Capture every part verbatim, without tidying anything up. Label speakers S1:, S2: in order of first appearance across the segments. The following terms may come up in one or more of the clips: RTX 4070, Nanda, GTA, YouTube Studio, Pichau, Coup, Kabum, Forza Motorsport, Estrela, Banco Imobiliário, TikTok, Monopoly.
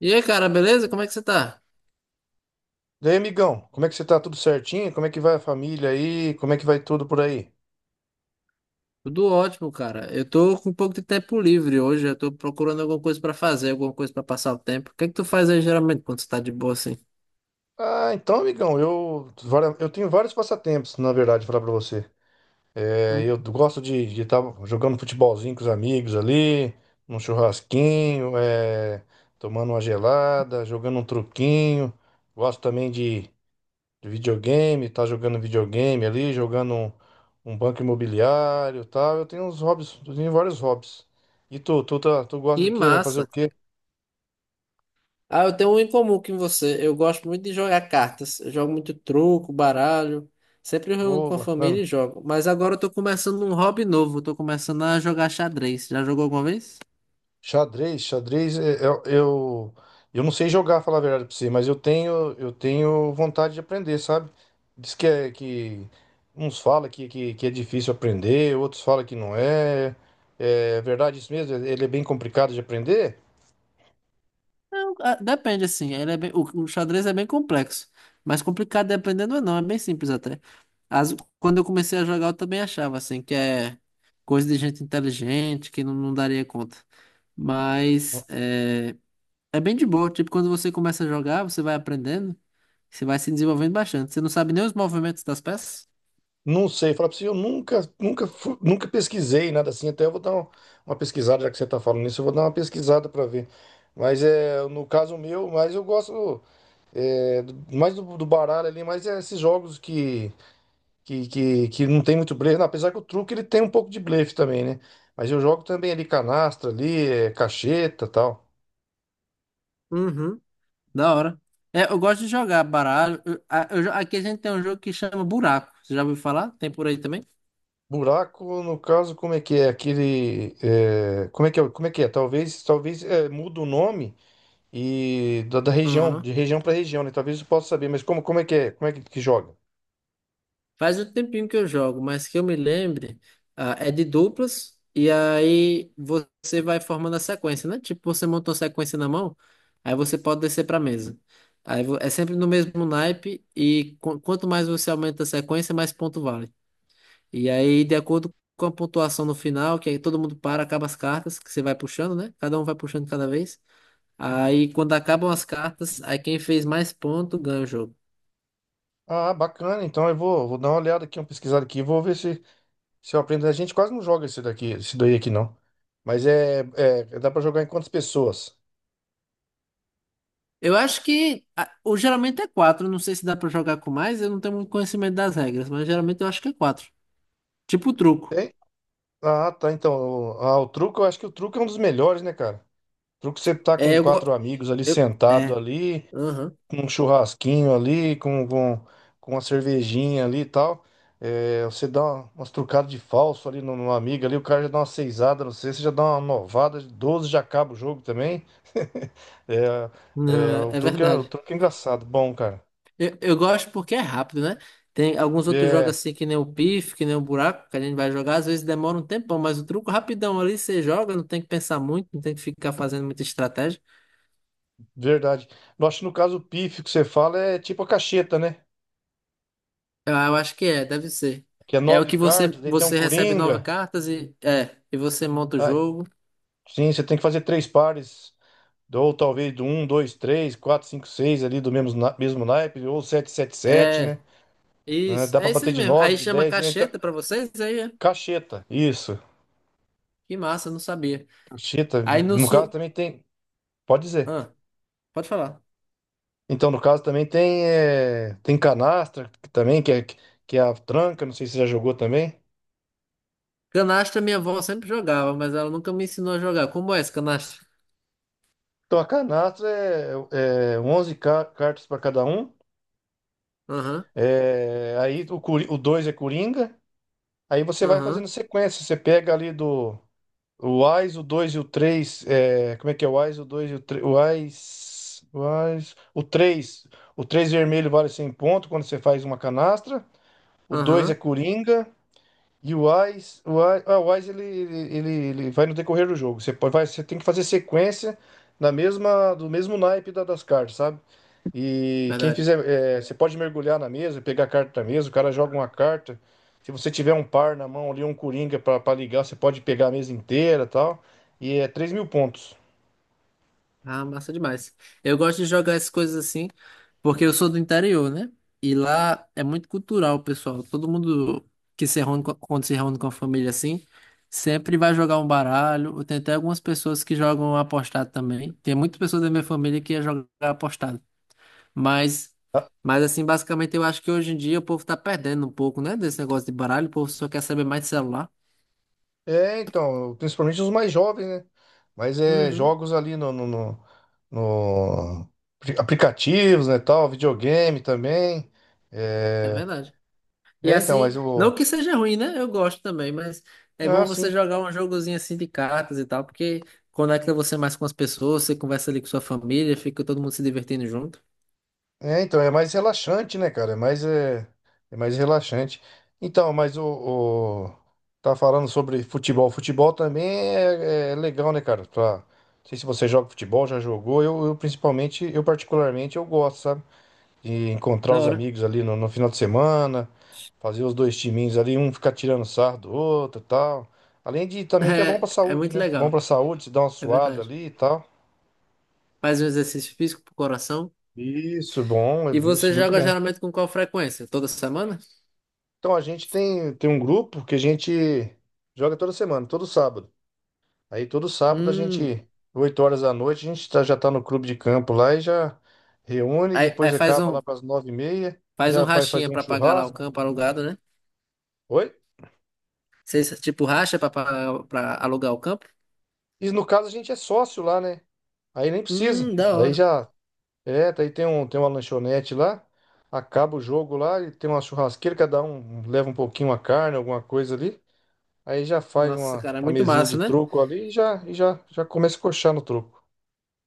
S1: E aí, cara, beleza? Como é que você tá?
S2: Daí aí, amigão, como é que você tá? Tudo certinho? Como é que vai a família aí? Como é que vai tudo por aí?
S1: Tudo ótimo, cara. Eu tô com um pouco de tempo livre hoje. Eu tô procurando alguma coisa pra fazer, alguma coisa pra passar o tempo. O que é que tu faz aí geralmente quando você tá de boa assim?
S2: Ah, então, amigão, eu, vari- eu tenho vários passatempos, na verdade, falar pra você. É,
S1: Hum.
S2: eu gosto de estar jogando futebolzinho com os amigos ali, num churrasquinho, é, tomando uma gelada, jogando um truquinho. Gosto também de, de videogame, tá jogando videogame ali, jogando um, um banco imobiliário e tal. Eu tenho uns hobbies, eu tenho vários hobbies. E tu, tu, tá- tu gosta
S1: Que
S2: do quê? Vai fazer o
S1: massa.
S2: quê?
S1: Ah, eu tenho um em comum com você. Eu gosto muito de jogar cartas. Eu jogo muito truco, baralho. Sempre eu reúno
S2: Ô,
S1: com a
S2: bacana.
S1: família e jogo. Mas agora eu tô começando um hobby novo. Eu tô começando a jogar xadrez. Já jogou alguma vez?
S2: Xadrez, xadrez, é- é- eu, eu, não sei jogar, falar a verdade pra você, mas eu tenho, eu tenho vontade de aprender, sabe? Diz que, é, que uns falam que, que, que é difícil aprender, outros falam que não é. É verdade isso mesmo? Ele é bem complicado de aprender?
S1: Não, ah, depende, assim. Ele é bem, o, o xadrez é bem complexo. Mas complicado dependendo, ou não. É bem simples até. As- quando eu comecei a jogar, eu também achava, assim, que é coisa de gente inteligente, que não, não daria conta. Mas é, é bem de boa. Tipo, quando você começa a jogar, você vai aprendendo, você vai se desenvolvendo bastante. Você não sabe nem os movimentos das peças?
S2: Não sei, falar pra você, eu nunca, nunca, fu- nunca pesquisei nada assim, até eu vou dar um- uma pesquisada, já que você tá falando nisso. Eu vou dar uma pesquisada pra ver. Mas é, no caso meu, mas eu gosto. É, do- mais do, do baralho ali, mas é esses jogos que, que, que, que não tem muito blefe. Não, apesar que o truque ele tem um pouco de blefe também, né? Mas eu jogo também ali canastra, ali, é, cacheta tal.
S1: Uhum. Da hora. É, eu gosto de jogar baralho. Eu- a- eu jo- aqui a gente tem um jogo que chama Buraco. Você já ouviu falar? Tem por aí também?
S2: Buraco, no caso, como é que é? Aquele. É, como é que é? Como é que é? Talvez, talvez é, muda o nome e da, da região,
S1: Aham.
S2: de região para região, né? Talvez eu possa saber, mas como, como é que é? Como é que, que joga?
S1: Faz um tempinho que eu jogo, mas que eu me lembre, ah, é de duplas, e aí você vai formando a sequência, né? Tipo, você montou a sequência na mão, aí você pode descer para mesa. Aí vo- é sempre no mesmo naipe, e qu- quanto mais você aumenta a sequência, mais ponto vale. E aí, de acordo com a pontuação no final, que aí todo mundo para, acaba as cartas, que você vai puxando, né? Cada um vai puxando cada vez. Aí, quando acabam as cartas, aí quem fez mais ponto ganha o jogo.
S2: Ah, bacana. Então eu vou, vou dar uma olhada aqui, uma pesquisada aqui, vou ver se, Se eu aprendo, a gente quase não joga esse daqui, esse daí aqui não. Mas é, é dá pra jogar em quantas pessoas?
S1: Eu acho que ah, o geralmente é quatro. Não sei se dá pra jogar com mais. Eu não tenho muito conhecimento das regras, mas geralmente eu acho que é quatro. Tipo truco.
S2: É? Ah, tá. Então, o- ah, o truco, eu acho que o truco é um dos melhores, né, cara? O truco é você tá com
S1: É, eu,
S2: quatro
S1: go-
S2: amigos ali
S1: eu
S2: sentado
S1: é.
S2: ali,
S1: Aham.
S2: com um churrasquinho ali, com, com, com uma cervejinha ali e tal. É, você dá uma- umas trucadas de falso ali no, no amigo ali, o cara já dá uma seisada, não sei, você já dá uma novada de doze, já acaba o jogo também. É,
S1: Não,
S2: é,
S1: é,
S2: o
S1: é
S2: truque é, o
S1: verdade.
S2: truque é engraçado, bom, cara.
S1: Eu, eu gosto porque é rápido, né? Tem alguns outros jogos
S2: É.
S1: assim que nem o pif, que nem o buraco, que a gente vai jogar, às vezes demora um tempão, mas o truco rapidão ali você joga, não tem que pensar muito, não tem que ficar fazendo muita estratégia.
S2: Verdade. Eu acho que no caso o pífio que você fala é tipo a cacheta, né?
S1: Eu, eu acho que é, deve ser.
S2: Que é
S1: É o
S2: nove
S1: que você
S2: cartas, daí tem um
S1: você recebe nove
S2: coringa.
S1: cartas e é, e você monta o
S2: Ah,
S1: jogo.
S2: sim, você tem que fazer três pares. Ou talvez do um, dois, três, quatro, cinco, seis ali do mesmo, na- mesmo naipe, ou sete, sete, sete, né?
S1: É.
S2: Ah,
S1: Isso,
S2: dá pra
S1: é isso
S2: bater
S1: aí
S2: de
S1: mesmo.
S2: nove,
S1: Aí
S2: de
S1: chama
S2: dez. E então,
S1: cacheta pra vocês, aí é.
S2: cacheta, isso.
S1: Que massa, não sabia.
S2: Cacheta.
S1: Aí no
S2: No caso
S1: sul.
S2: também tem. Pode dizer.
S1: Ah, pode falar.
S2: Então, no caso também tem, é, tem canastra, que também, que é, que é a tranca, não sei se você já jogou também.
S1: Canastra minha avó sempre jogava, mas ela nunca me ensinou a jogar. Como é esse canastra?
S2: Então, a canastra é, é onze ca- cartas para cada um.
S1: Aham,
S2: É, aí o, Cori- o dois é Coringa. Aí você vai
S1: aham,
S2: fazendo sequência. Você pega ali do o Ás, o dois e o três. É, como é que é o Ás, o dois e o três? O Ás, o Ás, o três O três vermelho vale cem pontos quando você faz uma canastra. O dois é
S1: aham.
S2: Coringa. E o Wise, o Wise, ah, o Wise ele, ele, ele, ele vai no decorrer do jogo. Você, pode- vai, você tem que fazer sequência na mesma, do mesmo naipe da- das cartas, sabe? E quem
S1: Verdade.
S2: fizer, é, você pode mergulhar na mesa, pegar a carta da mesa, o cara joga uma carta. Se você tiver um par na mão ali, um coringa pra pra ligar, você pode pegar a mesa inteira e tal. E é três mil pontos.
S1: Ah, massa demais. Eu gosto de jogar essas coisas assim, porque eu sou do interior, né? E lá é muito cultural, pessoal. Todo mundo que se reúne, co- quando se reúne com a família assim, sempre vai jogar um baralho. Tem até algumas pessoas que jogam apostado também. Tem muitas pessoas da minha família que ia jogar apostado. Mas, mas assim, basicamente eu acho que hoje em dia o povo tá perdendo um pouco, né? Desse negócio de baralho, o povo só quer saber mais de celular.
S2: É, então, principalmente os mais jovens, né? Mas é
S1: Uhum.
S2: jogos ali no, no, no- no- apli- aplicativos, né, tal, videogame também.
S1: É
S2: É,
S1: verdade. E
S2: é, então, mas
S1: assim,
S2: o
S1: não que seja ruim, né? Eu gosto também, mas é
S2: ah,
S1: bom você
S2: sim.
S1: jogar um jogozinho assim de cartas e tal, porque conecta você mais com as pessoas, você conversa ali com sua família, fica todo mundo se divertindo junto.
S2: É, então, é mais relaxante, né, cara? É mais é, é mais relaxante. Então, mas o, o- tá falando sobre futebol. Futebol também é, é legal, né, cara? Pra... Não sei se você joga futebol, já jogou. Eu, eu principalmente, eu particularmente, eu gosto, sabe? De encontrar
S1: Da
S2: os
S1: hora.
S2: amigos ali no, no final de semana, fazer os dois timinhos ali, um ficar tirando sarro do outro e tal. Além de também que
S1: É,
S2: é bom pra
S1: é
S2: saúde,
S1: muito
S2: né? Bom
S1: legal,
S2: pra saúde, se dá uma
S1: é
S2: suada
S1: verdade.
S2: ali e tal.
S1: Faz um exercício físico pro coração.
S2: Isso, bom,
S1: E
S2: é- isso
S1: você
S2: é muito
S1: joga
S2: bom.
S1: geralmente com qual frequência? Toda semana?
S2: Então a gente tem, tem um grupo que a gente joga toda semana, todo sábado. Aí todo sábado a
S1: Hum.
S2: gente, oito horas da noite, a gente tá- já tá no clube de campo lá e já reúne,
S1: Aí, aí
S2: depois
S1: faz
S2: acaba lá
S1: um,
S2: pras nove e meia,
S1: faz um
S2: já vai
S1: rachinha
S2: fazer um
S1: pra pagar lá o
S2: churrasco.
S1: campo alugado, né?
S2: Oi?
S1: Vocês, tipo, racha pra, pagar- pra alugar o campo?
S2: E no caso a gente é sócio lá, né? Aí nem precisa.
S1: Hum, da
S2: Daí
S1: hora.
S2: já. É, daí tem um, tem uma lanchonete lá. Acaba o jogo lá e tem uma churrasqueira, cada um leva um pouquinho a carne, alguma coisa ali. Aí já faz
S1: Nossa,
S2: uma,
S1: cara, é
S2: uma
S1: muito
S2: mesinha
S1: massa,
S2: de
S1: né?
S2: truco ali e já, e já, já começa a coxar no truco.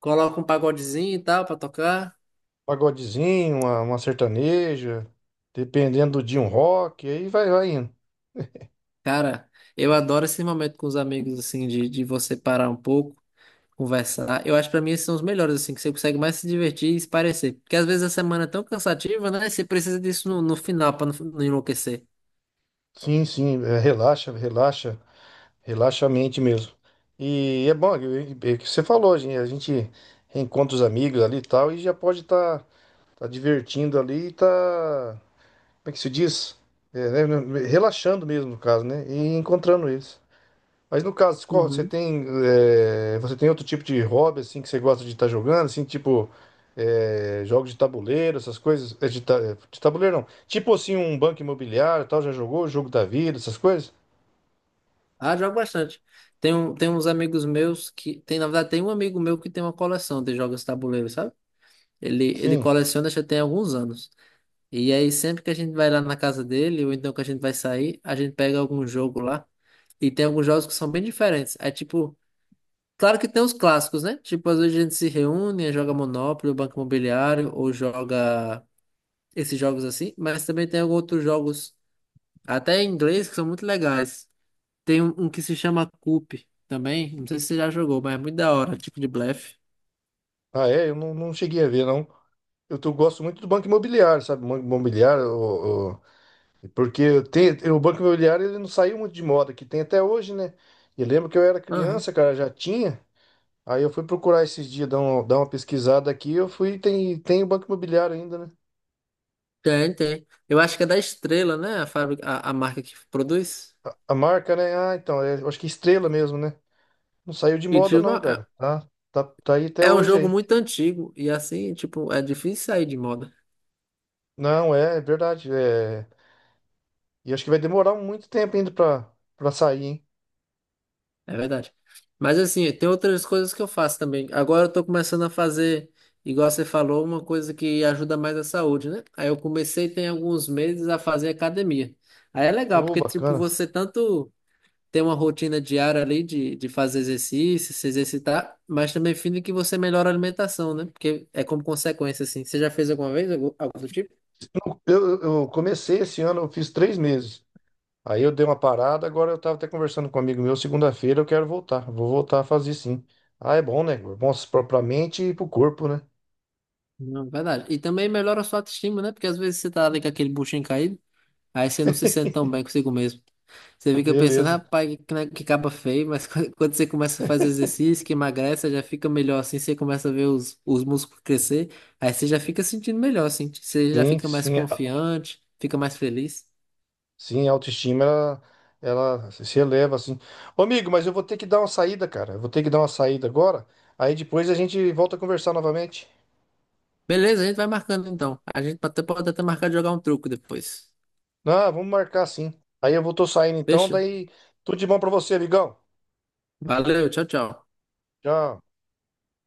S1: Coloca um pagodezinho e tal pra tocar.
S2: Pagodezinho, uma, uma sertaneja, dependendo do dia, um rock, aí vai, vai indo.
S1: Cara, eu adoro esse momento com os amigos, assim, de, de você parar um pouco, conversar. Eu acho que pra mim esses são os melhores, assim, que você consegue mais se divertir e se parecer. Porque às vezes a semana é tão cansativa, né? Você precisa disso no, no final pra não, não enlouquecer.
S2: Sim, sim, é, relaxa, relaxa, relaxa a mente mesmo. E é bom, é, é, que você falou, gente, a gente reencontra os amigos ali e tal, e já pode estar tá, tá divertindo ali e tá, como é que se diz? É, né, relaxando mesmo, no caso, né? E encontrando eles. Mas no caso, qual- você
S1: Uhum.
S2: tem, é, você tem outro tipo de hobby, assim, que você gosta de estar jogando, assim, tipo, é, jogos de tabuleiro, essas coisas, é, de, ta- de tabuleiro não. Tipo assim, um banco imobiliário, e tal, já jogou o jogo da vida, essas coisas?
S1: Ah, jogo bastante. Tem, um, tem uns amigos meus que. Tem, na verdade, tem um amigo meu que tem uma coleção de jogos de tabuleiro, sabe? Ele, ele
S2: Sim.
S1: coleciona já tem alguns anos. E aí, sempre que a gente vai lá na casa dele, ou então que a gente vai sair, a gente pega algum jogo lá. E tem alguns jogos que são bem diferentes. É tipo, claro que tem os clássicos, né? Tipo, às vezes a gente se reúne, joga Monopoly, ou Banco Imobiliário, ou joga esses jogos assim. Mas também tem alguns outros jogos, até em inglês, que são muito legais. Tem um, um que se chama Coup também. Não sei se você já jogou, mas é muito da hora, tipo de blefe.
S2: Ah, é? Eu não, não cheguei a ver, não. Eu tô- gosto muito do Banco Imobiliário, sabe? Banco Imobiliário, o- o- porque tem, o Banco Imobiliário ele não saiu muito de moda, que tem até hoje, né? E lembro que eu era
S1: Aham.
S2: criança, cara, já tinha. Aí eu fui procurar esses dias, dar, um- dar uma pesquisada aqui, eu fui, tem, tem o Banco Imobiliário ainda, né?
S1: Tem, tem. Eu acho que é da Estrela, né? A fábrica, a, a marca que produz.
S2: A marca, né? Ah, então, é, eu acho que é Estrela mesmo, né? Não saiu de
S1: E,
S2: moda,
S1: tipo,
S2: não,
S1: é
S2: cara. Tá, tá, tá aí até
S1: é um
S2: hoje
S1: jogo
S2: aí.
S1: muito antigo. E assim, tipo, é difícil sair de moda.
S2: Não, é, é verdade. É. E acho que vai demorar muito tempo ainda pra, pra sair, hein?
S1: É verdade. Mas assim, tem outras coisas que eu faço também. Agora eu tô começando a fazer, igual você falou, uma coisa que ajuda mais a saúde, né? Aí eu comecei tem alguns meses a fazer academia. Aí é legal,
S2: Ô,
S1: porque, tipo,
S2: bacana.
S1: você tanto. Ter uma rotina diária ali de, de fazer exercício, se exercitar, mas também fim que você melhora a alimentação, né? Porque é como consequência, assim. Você já fez alguma vez algo, algo do tipo?
S2: Eu, eu comecei esse ano, eu fiz três meses. Aí eu dei uma parada, agora eu tava até conversando com um amigo meu, segunda-feira eu quero voltar. Vou voltar a fazer sim. Ah, é bom, né? Bom pra pra mente e pro corpo, né?
S1: Não, verdade. E também melhora a sua autoestima, né? Porque às vezes você tá ali com aquele buchinho caído, aí você não se sente tão bem consigo mesmo. Você fica pensando,
S2: Beleza.
S1: rapaz, que, né, que caba feio, mas quando quando você começa a fazer exercício, que emagrece, já fica melhor assim, você começa a ver os, os músculos crescer, aí você já fica sentindo melhor, assim, você já
S2: Sim,
S1: fica mais
S2: sim. a-
S1: confiante, fica mais feliz.
S2: Sim, a autoestima, ela, ela se eleva, assim. Ô, amigo, mas eu vou ter que dar uma saída, cara. Eu vou ter que dar uma saída agora. Aí depois a gente volta a conversar novamente.
S1: Beleza, a gente vai marcando então. A gente até pode até marcar de jogar um truco depois.
S2: Ah, vamos marcar sim. Aí eu vou, tô saindo então,
S1: Fechou?
S2: daí tudo de bom pra você, amigão.
S1: Valeu, tchau, tchau.
S2: Tchau.